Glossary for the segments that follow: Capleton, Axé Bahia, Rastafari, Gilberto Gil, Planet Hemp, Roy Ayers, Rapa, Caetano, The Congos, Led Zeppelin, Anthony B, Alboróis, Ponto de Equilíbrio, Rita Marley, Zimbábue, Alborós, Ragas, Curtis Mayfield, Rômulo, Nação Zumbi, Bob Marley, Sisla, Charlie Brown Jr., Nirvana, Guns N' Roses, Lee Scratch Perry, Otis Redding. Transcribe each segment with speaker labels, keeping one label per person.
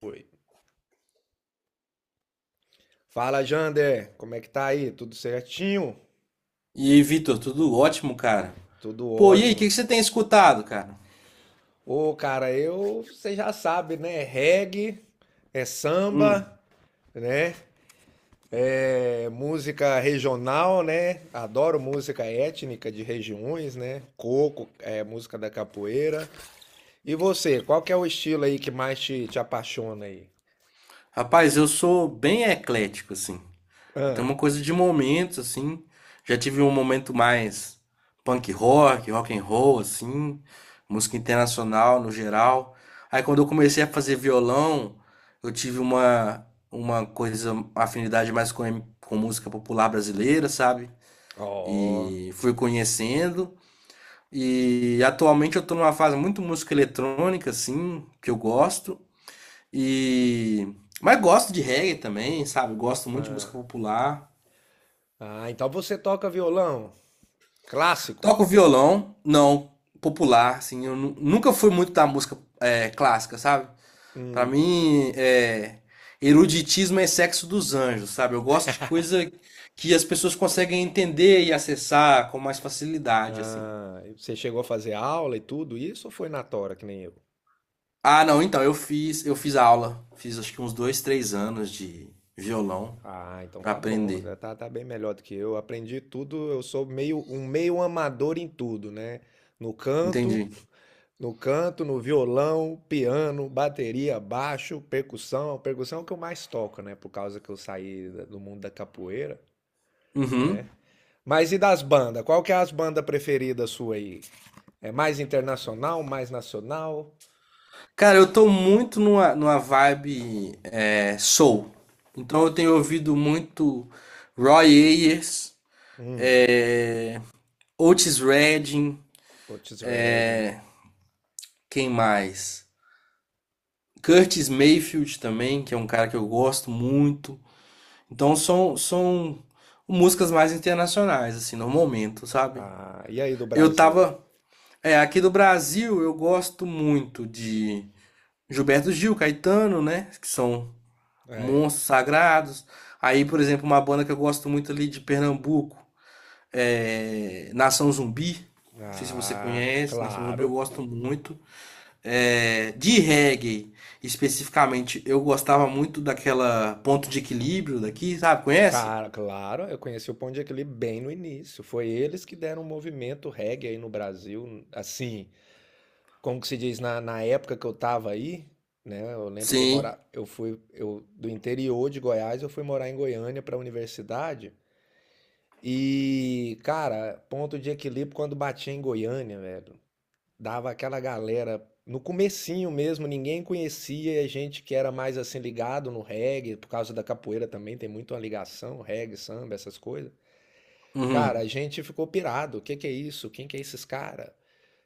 Speaker 1: Foi. Fala, Jander. Como é que tá aí? Tudo certinho?
Speaker 2: E aí, Vitor, tudo ótimo, cara?
Speaker 1: Tudo
Speaker 2: Pô, e aí, o
Speaker 1: ótimo.
Speaker 2: que que você tem escutado, cara?
Speaker 1: Ô, cara, eu, você já sabe, né? É Reggae, é samba,
Speaker 2: Hum.
Speaker 1: né? É música regional, né? Adoro música étnica de regiões, né? Coco, é música da capoeira. E você, qual que é o estilo aí que mais te apaixona aí?
Speaker 2: Rapaz, eu sou bem eclético, assim. Eu tenho
Speaker 1: Ah,
Speaker 2: uma coisa de momentos, assim. Já tive um momento mais punk rock, rock and roll, assim. Música internacional no geral. Aí quando eu comecei a fazer violão, eu tive uma coisa, uma afinidade mais com música popular brasileira, sabe?
Speaker 1: ó.
Speaker 2: E fui conhecendo. E atualmente eu tô numa fase muito música eletrônica, assim, que eu gosto. E. Mas gosto de reggae também, sabe? Gosto muito de música
Speaker 1: Ah,
Speaker 2: popular.
Speaker 1: ah, então você toca violão clássico?
Speaker 2: Toco violão, não, popular, assim. Nunca fui muito da música clássica, sabe? Pra
Speaker 1: Hum.
Speaker 2: mim, eruditismo é sexo dos anjos, sabe? Eu gosto de coisa que as pessoas conseguem entender e acessar com mais facilidade, assim.
Speaker 1: Ah, e você chegou a fazer aula e tudo isso ou foi na tora que nem eu?
Speaker 2: Ah, não, então, eu fiz aula. Fiz acho que uns dois, três anos de violão
Speaker 1: Ah, então
Speaker 2: pra
Speaker 1: tá bom,
Speaker 2: aprender.
Speaker 1: né, tá bem melhor do que eu. Aprendi tudo, eu sou meio um meio amador em tudo, né? No canto,
Speaker 2: Entendi.
Speaker 1: no canto, no violão, piano, bateria, baixo, percussão. Percussão é o que eu mais toco, né? Por causa que eu saí do mundo da capoeira, né?
Speaker 2: Uhum.
Speaker 1: Mas e das bandas? Qual que é as bandas preferidas sua aí? É mais internacional, mais nacional?
Speaker 2: Cara, eu tô muito numa vibe soul. Então eu tenho ouvido muito Roy Ayers,
Speaker 1: Hum,
Speaker 2: é, Otis Redding,
Speaker 1: Otis Redding.
Speaker 2: quem mais? Curtis Mayfield também, que é um cara que eu gosto muito. Então são músicas mais internacionais, assim, no momento, sabe?
Speaker 1: Ah, e aí do
Speaker 2: Eu
Speaker 1: Brasil?
Speaker 2: tava, é, aqui do Brasil eu gosto muito de Gilberto Gil, Caetano, né? Que são
Speaker 1: É.
Speaker 2: monstros sagrados. Aí, por exemplo, uma banda que eu gosto muito ali de Pernambuco é Nação Zumbi. Não sei se você
Speaker 1: Ah,
Speaker 2: conhece, Nação Zumbi eu
Speaker 1: claro.
Speaker 2: gosto muito. É, de reggae, especificamente, eu gostava muito daquela Ponto de Equilíbrio daqui, sabe? Conhece?
Speaker 1: Cara, claro, eu conheci o Ponto de Equilíbrio bem no início. Foi eles que deram o movimento reggae aí no Brasil, assim, como que se diz, na época que eu tava aí, né? Eu lembro que
Speaker 2: Sim.
Speaker 1: eu fui eu, do interior de Goiás, eu fui morar em Goiânia para a universidade. E, cara, Ponto de Equilíbrio quando batia em Goiânia, velho. Dava aquela galera no comecinho mesmo, ninguém conhecia, e a gente que era mais assim ligado no reggae, por causa da capoeira também tem muito uma ligação, reggae, samba, essas coisas. Cara,
Speaker 2: Uhum.
Speaker 1: a gente ficou pirado. O que que é isso? Quem que é esses cara?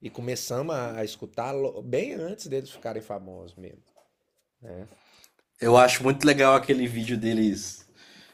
Speaker 1: E começamos a escutar bem antes deles ficarem famosos mesmo, né?
Speaker 2: Eu acho muito legal aquele vídeo deles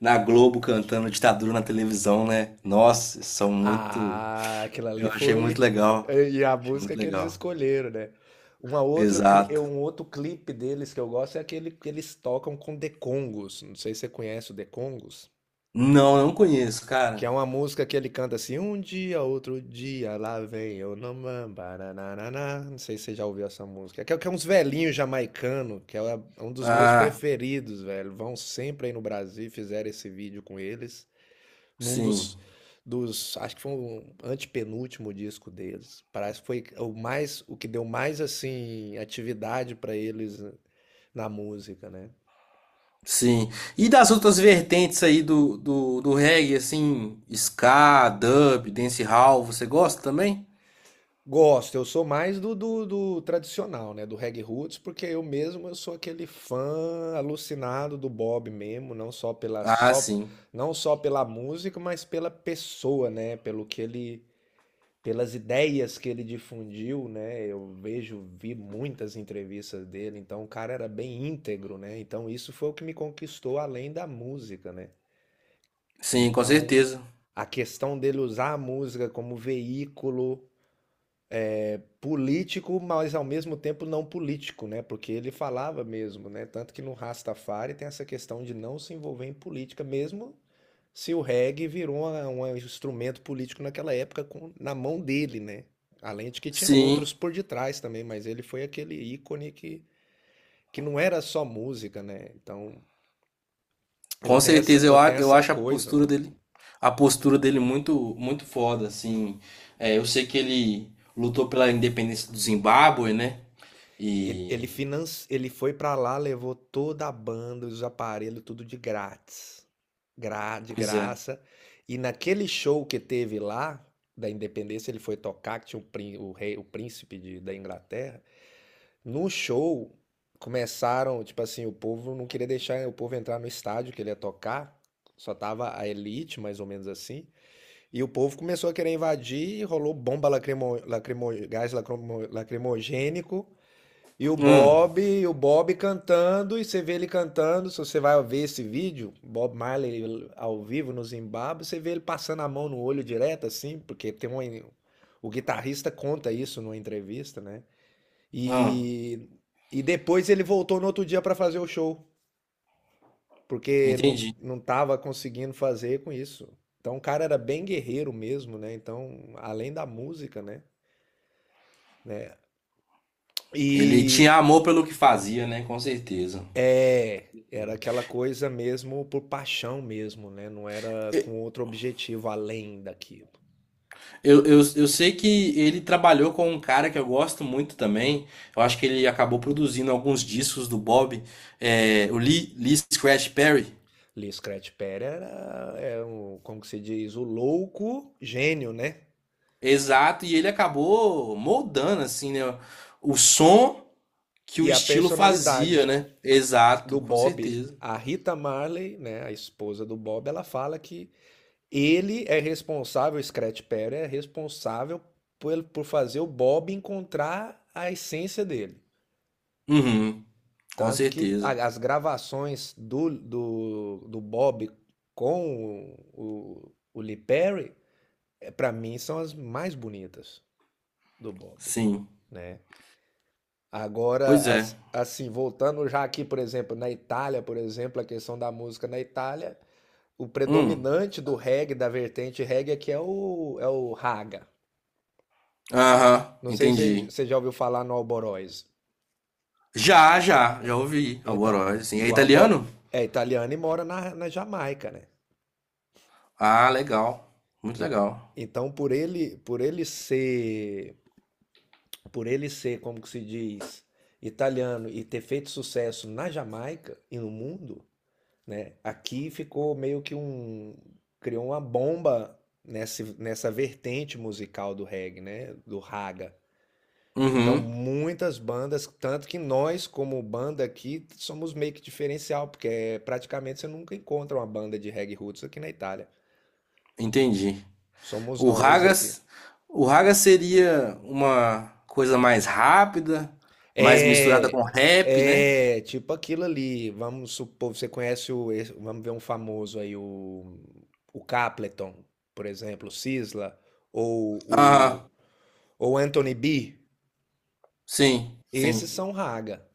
Speaker 2: na Globo cantando ditadura na televisão, né? Nossa, são muito.
Speaker 1: Ah, aquilo ali
Speaker 2: Eu achei muito
Speaker 1: foi
Speaker 2: legal.
Speaker 1: e a
Speaker 2: Achei
Speaker 1: música
Speaker 2: muito
Speaker 1: que eles
Speaker 2: legal.
Speaker 1: escolheram, né? É
Speaker 2: Exato.
Speaker 1: um outro clipe deles que eu gosto é aquele que eles tocam com The Congos. Não sei se você conhece o The Congos.
Speaker 2: Não, não conheço,
Speaker 1: Que
Speaker 2: cara.
Speaker 1: é uma música que ele canta assim, um dia, outro dia, lá vem eu, namam, baranananá. Não sei se você já ouviu essa música. Que é uns velhinhos jamaicano, que é um dos meus
Speaker 2: Ah,
Speaker 1: preferidos, velho. Vão sempre aí no Brasil, e fizeram esse vídeo com eles, num
Speaker 2: sim,
Speaker 1: dos, acho que foi um antepenúltimo disco deles. Parece que foi o mais, o que deu mais, assim, atividade pra eles na música, né?
Speaker 2: sim. E das outras vertentes aí do reggae, assim, ska, dub, dancehall, você gosta também?
Speaker 1: Gosto, eu sou mais do tradicional, né? Do reggae roots, porque eu mesmo eu sou aquele fã alucinado do Bob mesmo,
Speaker 2: Ah, sim.
Speaker 1: não só pela música, mas pela pessoa, né? Pelas ideias que ele difundiu, né? Vi muitas entrevistas dele, então o cara era bem íntegro, né? Então isso foi o que me conquistou além da música, né?
Speaker 2: Sim, com
Speaker 1: Então
Speaker 2: certeza.
Speaker 1: a questão dele usar a música como veículo político, mas ao mesmo tempo não político, né? Porque ele falava mesmo, né? Tanto que no Rastafari tem essa questão de não se envolver em política, mesmo se o reggae virou um instrumento político naquela época na mão dele, né? Além de que tinha
Speaker 2: Sim.
Speaker 1: outros por detrás também, mas ele foi aquele ícone que não era só música, né? Então
Speaker 2: Com certeza,
Speaker 1: eu tenho
Speaker 2: eu
Speaker 1: essa
Speaker 2: acho
Speaker 1: coisa.
Speaker 2: a postura dele muito, muito foda, assim. É, eu sei que ele lutou pela independência do Zimbábue, né?
Speaker 1: Ele, ele,
Speaker 2: E,
Speaker 1: finan... ele foi pra lá, levou toda a banda, os aparelhos, tudo de grátis. De
Speaker 2: pois é.
Speaker 1: graça. E naquele show que teve lá, da Independência, ele foi tocar, que tinha o rei, o príncipe da Inglaterra. No show, começaram, tipo assim, o povo não queria deixar o povo entrar no estádio que ele ia tocar. Só tava a elite, mais ou menos assim. E o povo começou a querer invadir, rolou bomba gás lacrimogênico. E o
Speaker 2: Hum,
Speaker 1: Bob, e o Bob cantando, e você vê ele cantando. Se você vai ver esse vídeo, Bob Marley ao vivo no Zimbábue, você vê ele passando a mão no olho direto, assim, porque tem uma, o guitarrista conta isso numa entrevista, né?
Speaker 2: hum,
Speaker 1: E, e depois ele voltou no outro dia para fazer o show, porque não,
Speaker 2: entendi.
Speaker 1: não tava conseguindo fazer com isso. Então o cara era bem guerreiro mesmo, né? Então, além da música, né?
Speaker 2: Ele
Speaker 1: E,
Speaker 2: tinha amor pelo que fazia, né? Com certeza.
Speaker 1: era aquela coisa mesmo por paixão mesmo, né, não era com outro objetivo além daquilo.
Speaker 2: Eu sei que ele trabalhou com um cara que eu gosto muito também. Eu acho que ele acabou produzindo alguns discos do Bob, é, o Lee Scratch Perry.
Speaker 1: Lee Scratch Perry era é o como que se diz? O louco gênio, né,
Speaker 2: Exato, e ele acabou moldando assim, né, o som que o
Speaker 1: e a
Speaker 2: estilo fazia,
Speaker 1: personalidade
Speaker 2: né?
Speaker 1: do
Speaker 2: Exato, com
Speaker 1: Bob,
Speaker 2: certeza.
Speaker 1: a Rita Marley, né, a esposa do Bob, ela fala que ele é responsável, o Scratch Perry é responsável por fazer o Bob encontrar a essência dele.
Speaker 2: Uhum, com
Speaker 1: Tanto que
Speaker 2: certeza.
Speaker 1: as gravações do Bob com o Lee Perry, para mim, são as mais bonitas do Bob,
Speaker 2: Sim.
Speaker 1: né?
Speaker 2: Pois
Speaker 1: Agora,
Speaker 2: é.
Speaker 1: assim, voltando já aqui, por exemplo, na Itália, por exemplo, a questão da música na Itália, o
Speaker 2: Hum.
Speaker 1: predominante do reggae, da vertente reggae, aqui é o raga.
Speaker 2: Aham,
Speaker 1: Não sei se
Speaker 2: entendi.
Speaker 1: você já ouviu falar no Alborós.
Speaker 2: Já ouvi
Speaker 1: Então,
Speaker 2: Alboróis, assim. É
Speaker 1: o Albo
Speaker 2: italiano?
Speaker 1: é italiano e mora na Jamaica, né?
Speaker 2: Ah, legal. Muito
Speaker 1: En-
Speaker 2: legal.
Speaker 1: Então, por ele ser, como que se diz, italiano e ter feito sucesso na Jamaica e no mundo, né? Aqui ficou meio que criou uma bomba nessa vertente musical do reggae, né? Do raga. Então,
Speaker 2: Uhum,
Speaker 1: muitas bandas, tanto que nós, como banda aqui, somos meio que diferencial, porque é, praticamente você nunca encontra uma banda de reggae roots aqui na Itália.
Speaker 2: entendi.
Speaker 1: Somos
Speaker 2: O
Speaker 1: nós aqui.
Speaker 2: Ragas, o Ragas seria uma coisa mais rápida, mais misturada
Speaker 1: É,
Speaker 2: com rap, né?
Speaker 1: é tipo aquilo ali. Vamos supor, você conhece vamos ver um famoso aí, o Capleton, por exemplo, o Sisla, ou
Speaker 2: Aham.
Speaker 1: o ou Anthony B.
Speaker 2: Sim,
Speaker 1: Esses
Speaker 2: sim.
Speaker 1: são raga,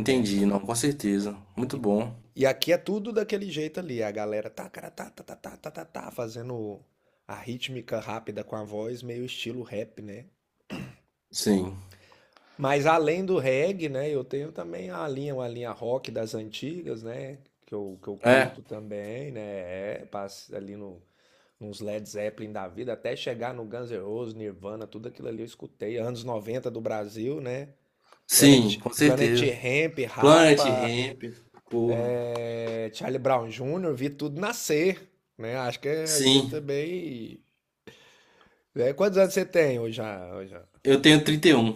Speaker 1: né?
Speaker 2: Não, com certeza. Muito
Speaker 1: E,
Speaker 2: bom.
Speaker 1: e aqui é tudo daquele jeito ali. A galera tá, cara, tá, tá, tá, tá, tá, tá, tá, fazendo a rítmica rápida com a voz, meio estilo rap, né?
Speaker 2: Sim.
Speaker 1: Mas além do reggae, né, eu tenho também a linha, uma linha rock das antigas, né, que eu
Speaker 2: É.
Speaker 1: curto também, né, passa ali no, nos Led Zeppelin da vida, até chegar no Guns N' Roses, Nirvana, tudo aquilo ali eu escutei, anos 90 do Brasil, né, Planet,
Speaker 2: Sim, com
Speaker 1: Planet
Speaker 2: certeza.
Speaker 1: Hemp,
Speaker 2: Planet
Speaker 1: Rapa,
Speaker 2: Hemp. Porra.
Speaker 1: Charlie Brown Jr., vi tudo nascer, né, acho que a gente
Speaker 2: Sim.
Speaker 1: também... né, quantos anos você tem hoje, já?
Speaker 2: Eu tenho 31.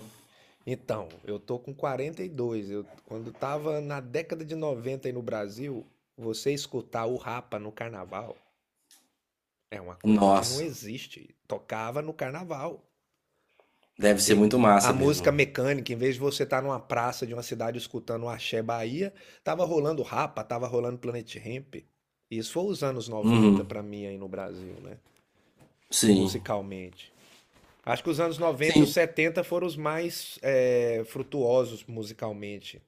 Speaker 1: Então, eu tô com 42. Eu, quando tava na década de 90 aí no Brasil, você escutar o Rapa no carnaval é uma coisa que não
Speaker 2: Nossa.
Speaker 1: existe. Tocava no carnaval.
Speaker 2: Deve ser
Speaker 1: E
Speaker 2: muito
Speaker 1: a
Speaker 2: massa
Speaker 1: música
Speaker 2: mesmo.
Speaker 1: mecânica, em vez de você estar numa praça de uma cidade escutando o Axé Bahia, tava rolando Rapa, tava rolando Planet Hemp. Isso foi os anos 90
Speaker 2: Uhum.
Speaker 1: pra mim aí no Brasil, né?
Speaker 2: Sim.
Speaker 1: Musicalmente. Acho que os anos 90 e os
Speaker 2: Sim.
Speaker 1: 70 foram os mais frutuosos musicalmente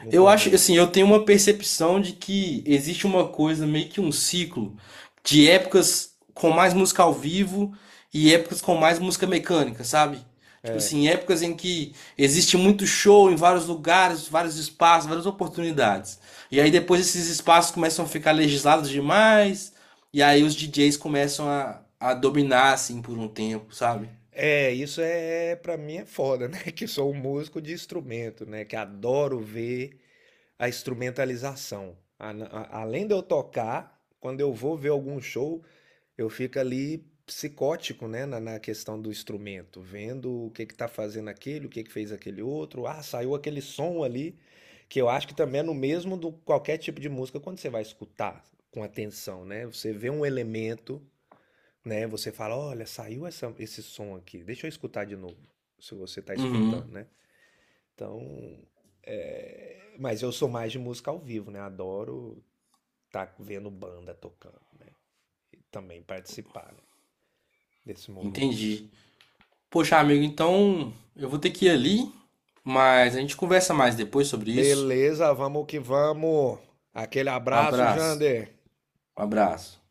Speaker 1: no
Speaker 2: Eu acho,
Speaker 1: planeta.
Speaker 2: assim, eu tenho uma percepção de que existe uma coisa, meio que um ciclo, de épocas com mais música ao vivo e épocas com mais música mecânica, sabe? Tipo assim, épocas em que existe muito show em vários lugares, vários espaços, várias oportunidades. E aí depois esses espaços começam a ficar legislados demais, e aí os DJs começam a dominar, assim, por um tempo, sabe?
Speaker 1: É, isso é pra mim é foda, né? Que sou um músico de instrumento, né? Que adoro ver a instrumentalização. Além de eu tocar, quando eu vou ver algum show, eu fico ali psicótico, né? Na questão do instrumento, vendo o que que tá fazendo aquele, o que que fez aquele outro. Ah, saiu aquele som ali, que eu acho que também é no mesmo do qualquer tipo de música quando você vai escutar com atenção, né? Você vê um elemento né, você fala: "Olha, saiu essa esse som aqui, deixa eu escutar de novo", se você tá escutando,
Speaker 2: Uhum,
Speaker 1: né. Então, mas eu sou mais de música ao vivo, né, adoro tá vendo banda tocando, né, e também participar, né, desse movimento.
Speaker 2: entendi. Poxa, amigo, então eu vou ter que ir ali, mas a gente conversa mais depois sobre isso.
Speaker 1: Beleza, vamos que vamos. Aquele
Speaker 2: Um
Speaker 1: abraço,
Speaker 2: abraço.
Speaker 1: Jander.
Speaker 2: Um abraço.